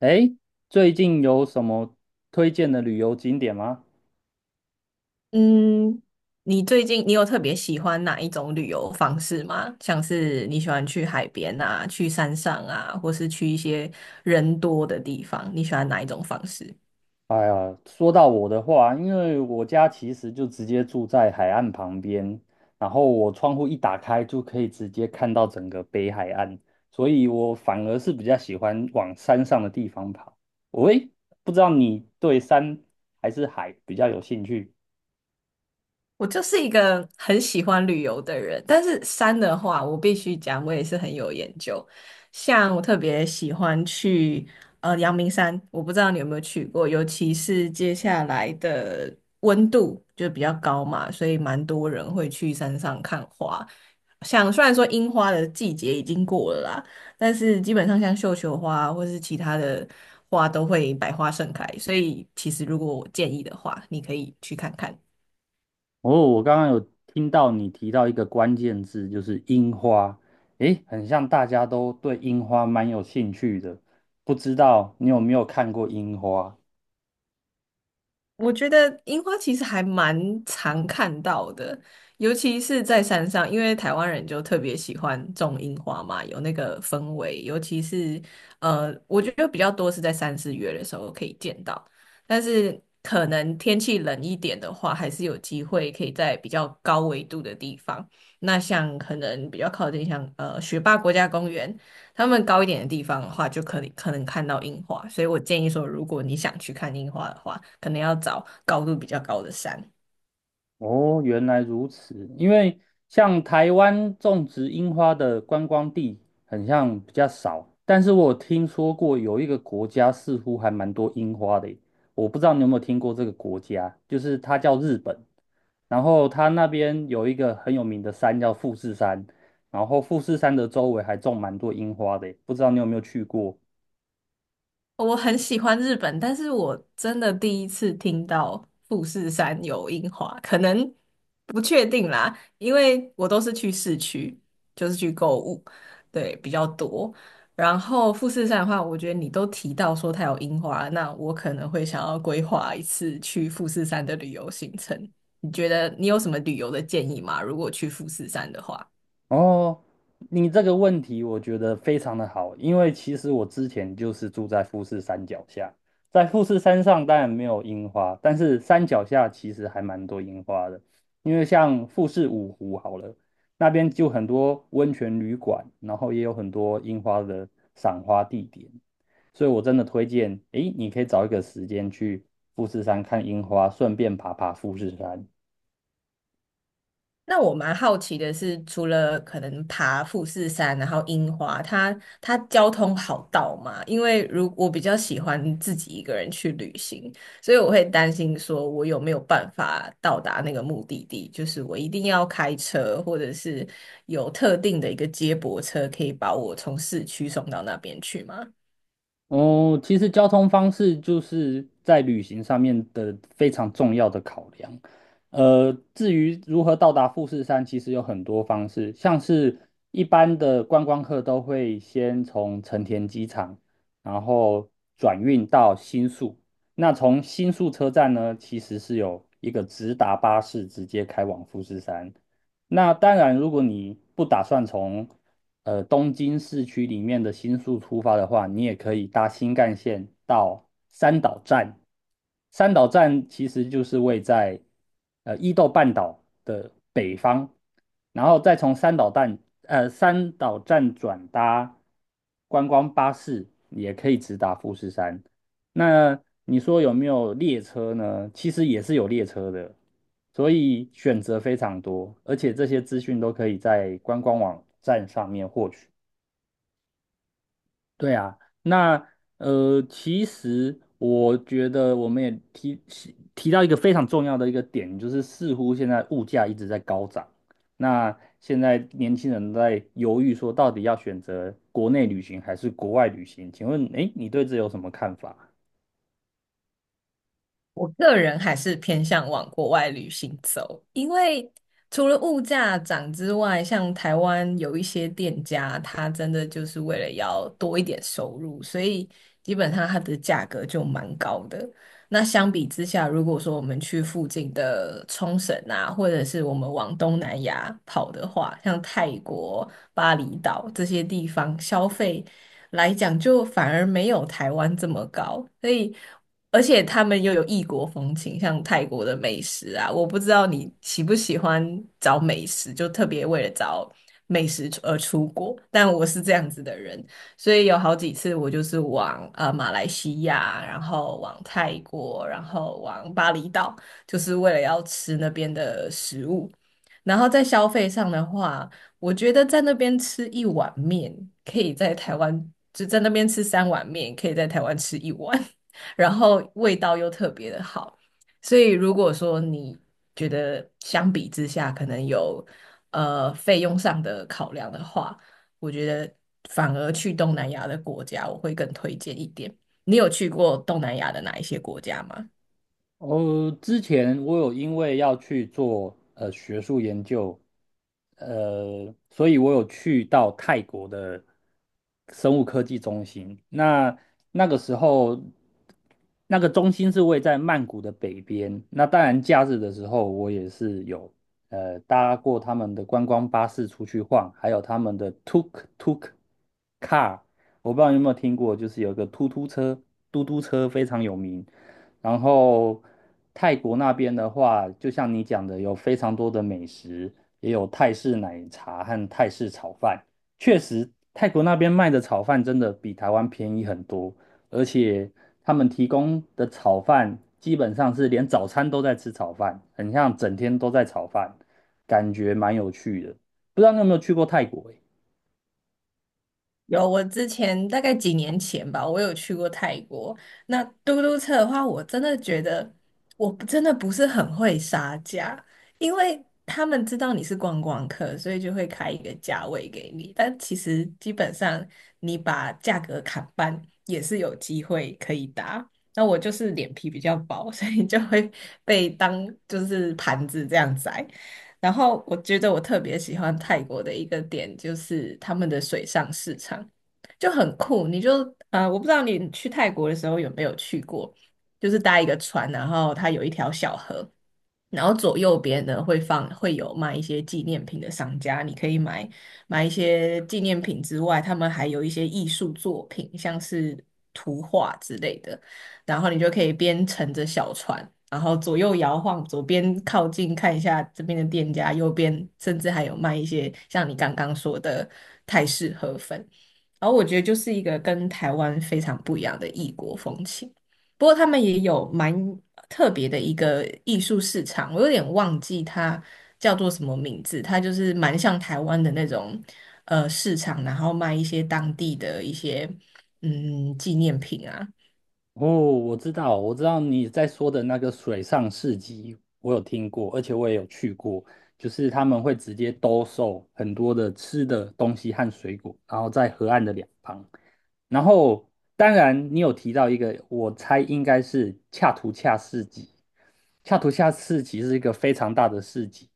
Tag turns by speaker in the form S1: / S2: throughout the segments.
S1: 哎，最近有什么推荐的旅游景点吗？
S2: 嗯，你最近你有特别喜欢哪一种旅游方式吗？像是你喜欢去海边啊，去山上啊，或是去一些人多的地方，你喜欢哪一种方式？
S1: 哎呀，说到我的话，因为我家其实就直接住在海岸旁边，然后我窗户一打开就可以直接看到整个北海岸，所以我反而是比较喜欢往山上的地方跑。喂，不知道你对山还是海比较有兴趣？
S2: 我就是一个很喜欢旅游的人，但是山的话，我必须讲，我也是很有研究。像我特别喜欢去阳明山，我不知道你有没有去过，尤其是接下来的温度就比较高嘛，所以蛮多人会去山上看花。像虽然说樱花的季节已经过了啦，但是基本上像绣球花或是其他的花都会百花盛开，所以其实如果我建议的话，你可以去看看。
S1: 哦，我刚刚有听到你提到一个关键字，就是樱花。诶，很像大家都对樱花蛮有兴趣的，不知道你有没有看过樱花？
S2: 我觉得樱花其实还蛮常看到的，尤其是在山上，因为台湾人就特别喜欢种樱花嘛，有那个氛围。尤其是我觉得比较多是在三四月的时候可以见到，但是可能天气冷一点的话，还是有机会可以在比较高纬度的地方。那像可能比较靠近像雪霸国家公园，他们高一点的地方的话，就可能看到樱花。所以我建议说，如果你想去看樱花的话，可能要找高度比较高的山。
S1: 哦，原来如此。因为像台湾种植樱花的观光地，很像比较少。但是我有听说过有一个国家似乎还蛮多樱花的耶，我不知道你有没有听过这个国家，就是它叫日本。然后它那边有一个很有名的山叫富士山，然后富士山的周围还种蛮多樱花的耶，不知道你有没有去过？
S2: 我很喜欢日本，但是我真的第一次听到富士山有樱花，可能不确定啦，因为我都是去市区，就是去购物，对，比较多。然后富士山的话，我觉得你都提到说它有樱花，那我可能会想要规划一次去富士山的旅游行程。你觉得你有什么旅游的建议吗？如果去富士山的话？
S1: 哦，你这个问题我觉得非常的好，因为其实我之前就是住在富士山脚下，在富士山上当然没有樱花，但是山脚下其实还蛮多樱花的，因为像富士五湖好了，那边就很多温泉旅馆，然后也有很多樱花的赏花地点，所以我真的推荐，诶，你可以找一个时间去富士山看樱花，顺便爬爬富士山。
S2: 那我蛮好奇的是，除了可能爬富士山，然后樱花，它交通好到吗？因为如我比较喜欢自己一个人去旅行，所以我会担心说我有没有办法到达那个目的地，就是我一定要开车，或者是有特定的一个接驳车可以把我从市区送到那边去吗？
S1: 哦，其实交通方式就是在旅行上面的非常重要的考量。至于如何到达富士山，其实有很多方式，像是一般的观光客都会先从成田机场，然后转运到新宿。那从新宿车站呢，其实是有一个直达巴士直接开往富士山。那当然，如果你不打算从东京市区里面的新宿出发的话，你也可以搭新干线到三岛站。三岛站其实就是位在伊豆半岛的北方，然后再从三岛站转搭观光巴士，也可以直达富士山。那你说有没有列车呢？其实也是有列车的，所以选择非常多，而且这些资讯都可以在观光网站上面获取。对啊，那其实我觉得我们也提到一个非常重要的一个点，就是似乎现在物价一直在高涨，那现在年轻人在犹豫说到底要选择国内旅行还是国外旅行？请问，诶，你对这有什么看法？
S2: 我个人还是偏向往国外旅行走，因为除了物价涨之外，像台湾有一些店家，它真的就是为了要多一点收入，所以基本上它的价格就蛮高的。那相比之下，如果说我们去附近的冲绳啊，或者是我们往东南亚跑的话，像泰国、巴厘岛这些地方，消费来讲就反而没有台湾这么高，所以。而且他们又有异国风情，像泰国的美食啊，我不知道你喜不喜欢找美食，就特别为了找美食出而出国。但我是这样子的人，所以有好几次我就是往马来西亚，然后往泰国，然后往巴厘岛，就是为了要吃那边的食物。然后在消费上的话，我觉得在那边吃一碗面，可以在台湾就在那边吃三碗面，可以在台湾吃一碗。然后味道又特别的好。所以如果说你觉得相比之下可能有费用上的考量的话，我觉得反而去东南亚的国家我会更推荐一点。你有去过东南亚的哪一些国家吗？
S1: 哦，之前我有因为要去做学术研究，呃，所以我有去到泰国的生物科技中心。那那个时候，那个中心是位在曼谷的北边。那当然，假日的时候我也是有搭过他们的观光巴士出去晃，还有他们的 tuk tuk car，我不知道你有没有听过，就是有一个突突车、嘟嘟车非常有名。然后泰国那边的话，就像你讲的，有非常多的美食，也有泰式奶茶和泰式炒饭。确实，泰国那边卖的炒饭真的比台湾便宜很多，而且他们提供的炒饭基本上是连早餐都在吃炒饭，很像整天都在炒饭，感觉蛮有趣的。不知道你有没有去过泰国欸？
S2: 有，我之前大概几年前吧，我有去过泰国。那嘟嘟车的话，我真的觉得我不真的不是很会杀价，因为他们知道你是观光客，所以就会开一个价位给你。但其实基本上你把价格砍半也是有机会可以打。那我就是脸皮比较薄，所以就会被当就是盘子这样宰。然后我觉得我特别喜欢泰国的一个点就是他们的水上市场就很酷，你就啊，我不知道你去泰国的时候有没有去过，就是搭一个船，然后它有一条小河，然后左右边呢会放会有卖一些纪念品的商家，你可以买一些纪念品之外，他们还有一些艺术作品，像是图画之类的。然后你就可以边乘着小船，然后左右摇晃，左边靠近看一下这边的店家，右边甚至还有卖一些像你刚刚说的泰式河粉。然后我觉得就是一个跟台湾非常不一样的异国风情。不过他们也有蛮特别的一个艺术市场，我有点忘记它叫做什么名字，它就是蛮像台湾的那种市场，然后卖一些当地的一些纪念品啊。
S1: 哦，我知道，我知道你在说的那个水上市集，我有听过，而且我也有去过。就是他们会直接兜售很多的吃的东西和水果，然后在河岸的两旁。然后，当然你有提到一个，我猜应该是恰图恰市集。恰图恰市集是一个非常大的市集，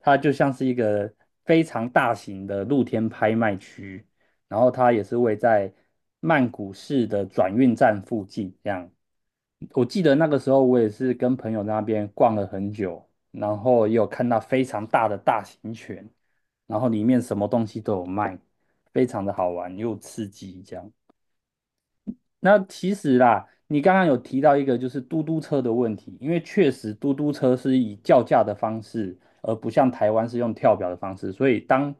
S1: 它就像是一个非常大型的露天拍卖区。然后它也是位在曼谷市的转运站附近。这样，我记得那个时候我也是跟朋友在那边逛了很久，然后也有看到非常大的大型犬，然后里面什么东西都有卖，非常的好玩又刺激。这样，那其实啦，你刚刚有提到一个就是嘟嘟车的问题，因为确实嘟嘟车是以叫价的方式，而不像台湾是用跳表的方式，所以当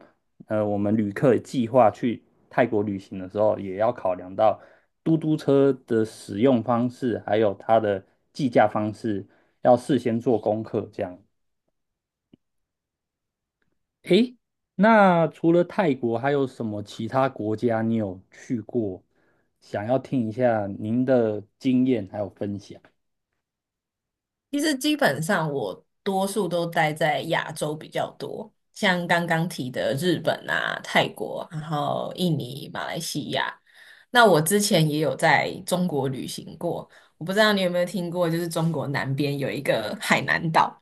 S1: 我们旅客计划去泰国旅行的时候，也要考量到嘟嘟车的使用方式，还有它的计价方式，要事先做功课这样。诶，那除了泰国，还有什么其他国家你有去过？想要听一下您的经验还有分享。
S2: 其实基本上我多数都待在亚洲比较多，像刚刚提的日本啊、泰国，然后印尼、马来西亚。那我之前也有在中国旅行过，我不知道你有没有听过，就是中国南边有一个海南岛，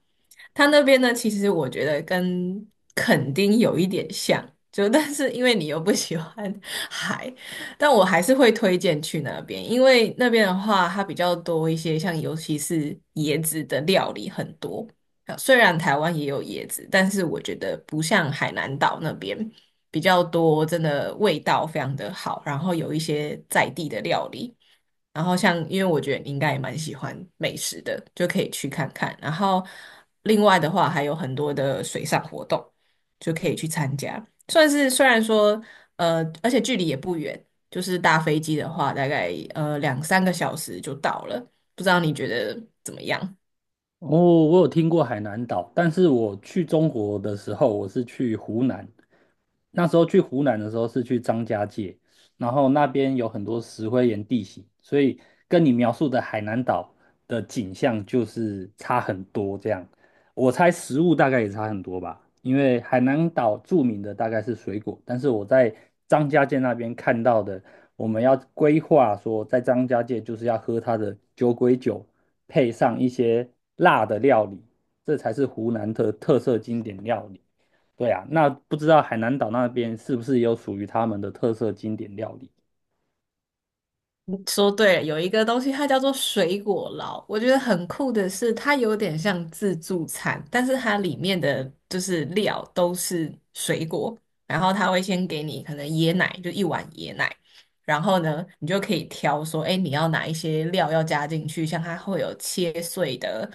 S2: 它那边呢，其实我觉得跟垦丁有一点像，就 但是因为你又不喜欢海，但我还是会推荐去那边，因为那边的话，它比较多一些，像尤其是椰子的料理很多。啊虽然台湾也有椰子，但是我觉得不像海南岛那边比较多，真的味道非常的好，然后有一些在地的料理。然后像，因为我觉得你应该也蛮喜欢美食的，就可以去看看。然后另外的话，还有很多的水上活动，就可以去参加。算是虽然说，而且距离也不远，就是搭飞机的话，大概两三个小时就到了。不知道你觉得怎么样？
S1: 哦，我有听过海南岛，但是我去中国的时候，我是去湖南，那时候去湖南的时候是去张家界，然后那边有很多石灰岩地形，所以跟你描述的海南岛的景象就是差很多这样。我猜食物大概也差很多吧，因为海南岛著名的大概是水果，但是我在张家界那边看到的，我们要规划说在张家界就是要喝它的酒鬼酒，配上一些辣的料理，这才是湖南的特色经典料理。对啊，那不知道海南岛那边是不是有属于他们的特色经典料理？
S2: 说对了，有一个东西它叫做水果捞，我觉得很酷的是，它有点像自助餐，但是它里面的就是料都是水果，然后他会先给你可能椰奶，就一碗椰奶，然后呢，你就可以挑说，哎，你要哪一些料要加进去，像它会有切碎的，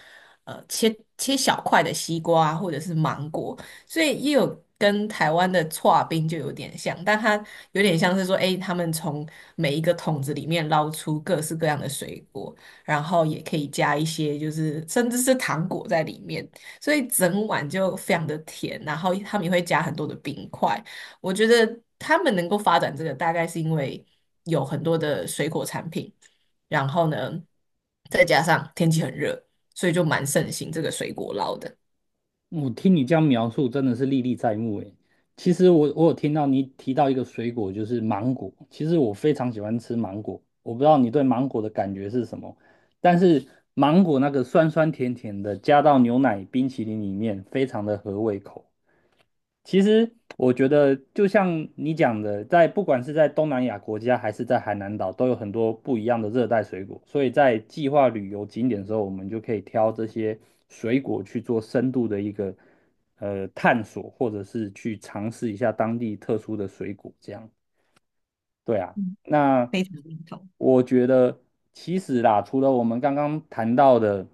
S2: 切小块的西瓜或者是芒果，所以也有跟台湾的搓冰就有点像，但它有点像是说，哎，他们从每一个桶子里面捞出各式各样的水果，然后也可以加一些就是甚至是糖果在里面，所以整碗就非常的甜，然后他们也会加很多的冰块。我觉得他们能够发展这个，大概是因为有很多的水果产品，然后呢，再加上天气很热，所以就蛮盛行这个水果捞的。
S1: 我听你这样描述，真的是历历在目诶。其实我有听到你提到一个水果，就是芒果。其实我非常喜欢吃芒果，我不知道你对芒果的感觉是什么，但是芒果那个酸酸甜甜的，加到牛奶冰淇淋里面，非常的合胃口。其实我觉得，就像你讲的，在不管是在东南亚国家还是在海南岛，都有很多不一样的热带水果。所以在计划旅游景点的时候，我们就可以挑这些水果去做深度的一个探索，或者是去尝试一下当地特殊的水果。这样，对啊。那
S2: 非常认同。
S1: 我觉得，其实啦，除了我们刚刚谈到的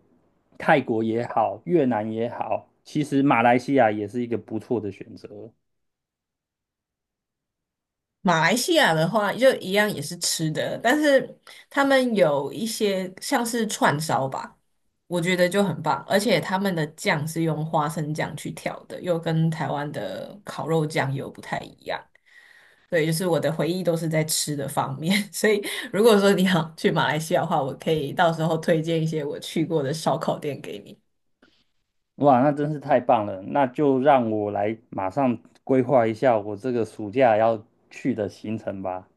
S1: 泰国也好，越南也好，其实马来西亚也是一个不错的选择。
S2: 马来西亚的话，就一样也是吃的，但是他们有一些像是串烧吧，我觉得就很棒，而且他们的酱是用花生酱去调的，又跟台湾的烤肉酱又不太一样。对，就是我的回忆都是在吃的方面，所以如果说你想去马来西亚的话，我可以到时候推荐一些我去过的烧烤店给你。
S1: 哇，那真是太棒了！那就让我来马上规划一下我这个暑假要去的行程吧。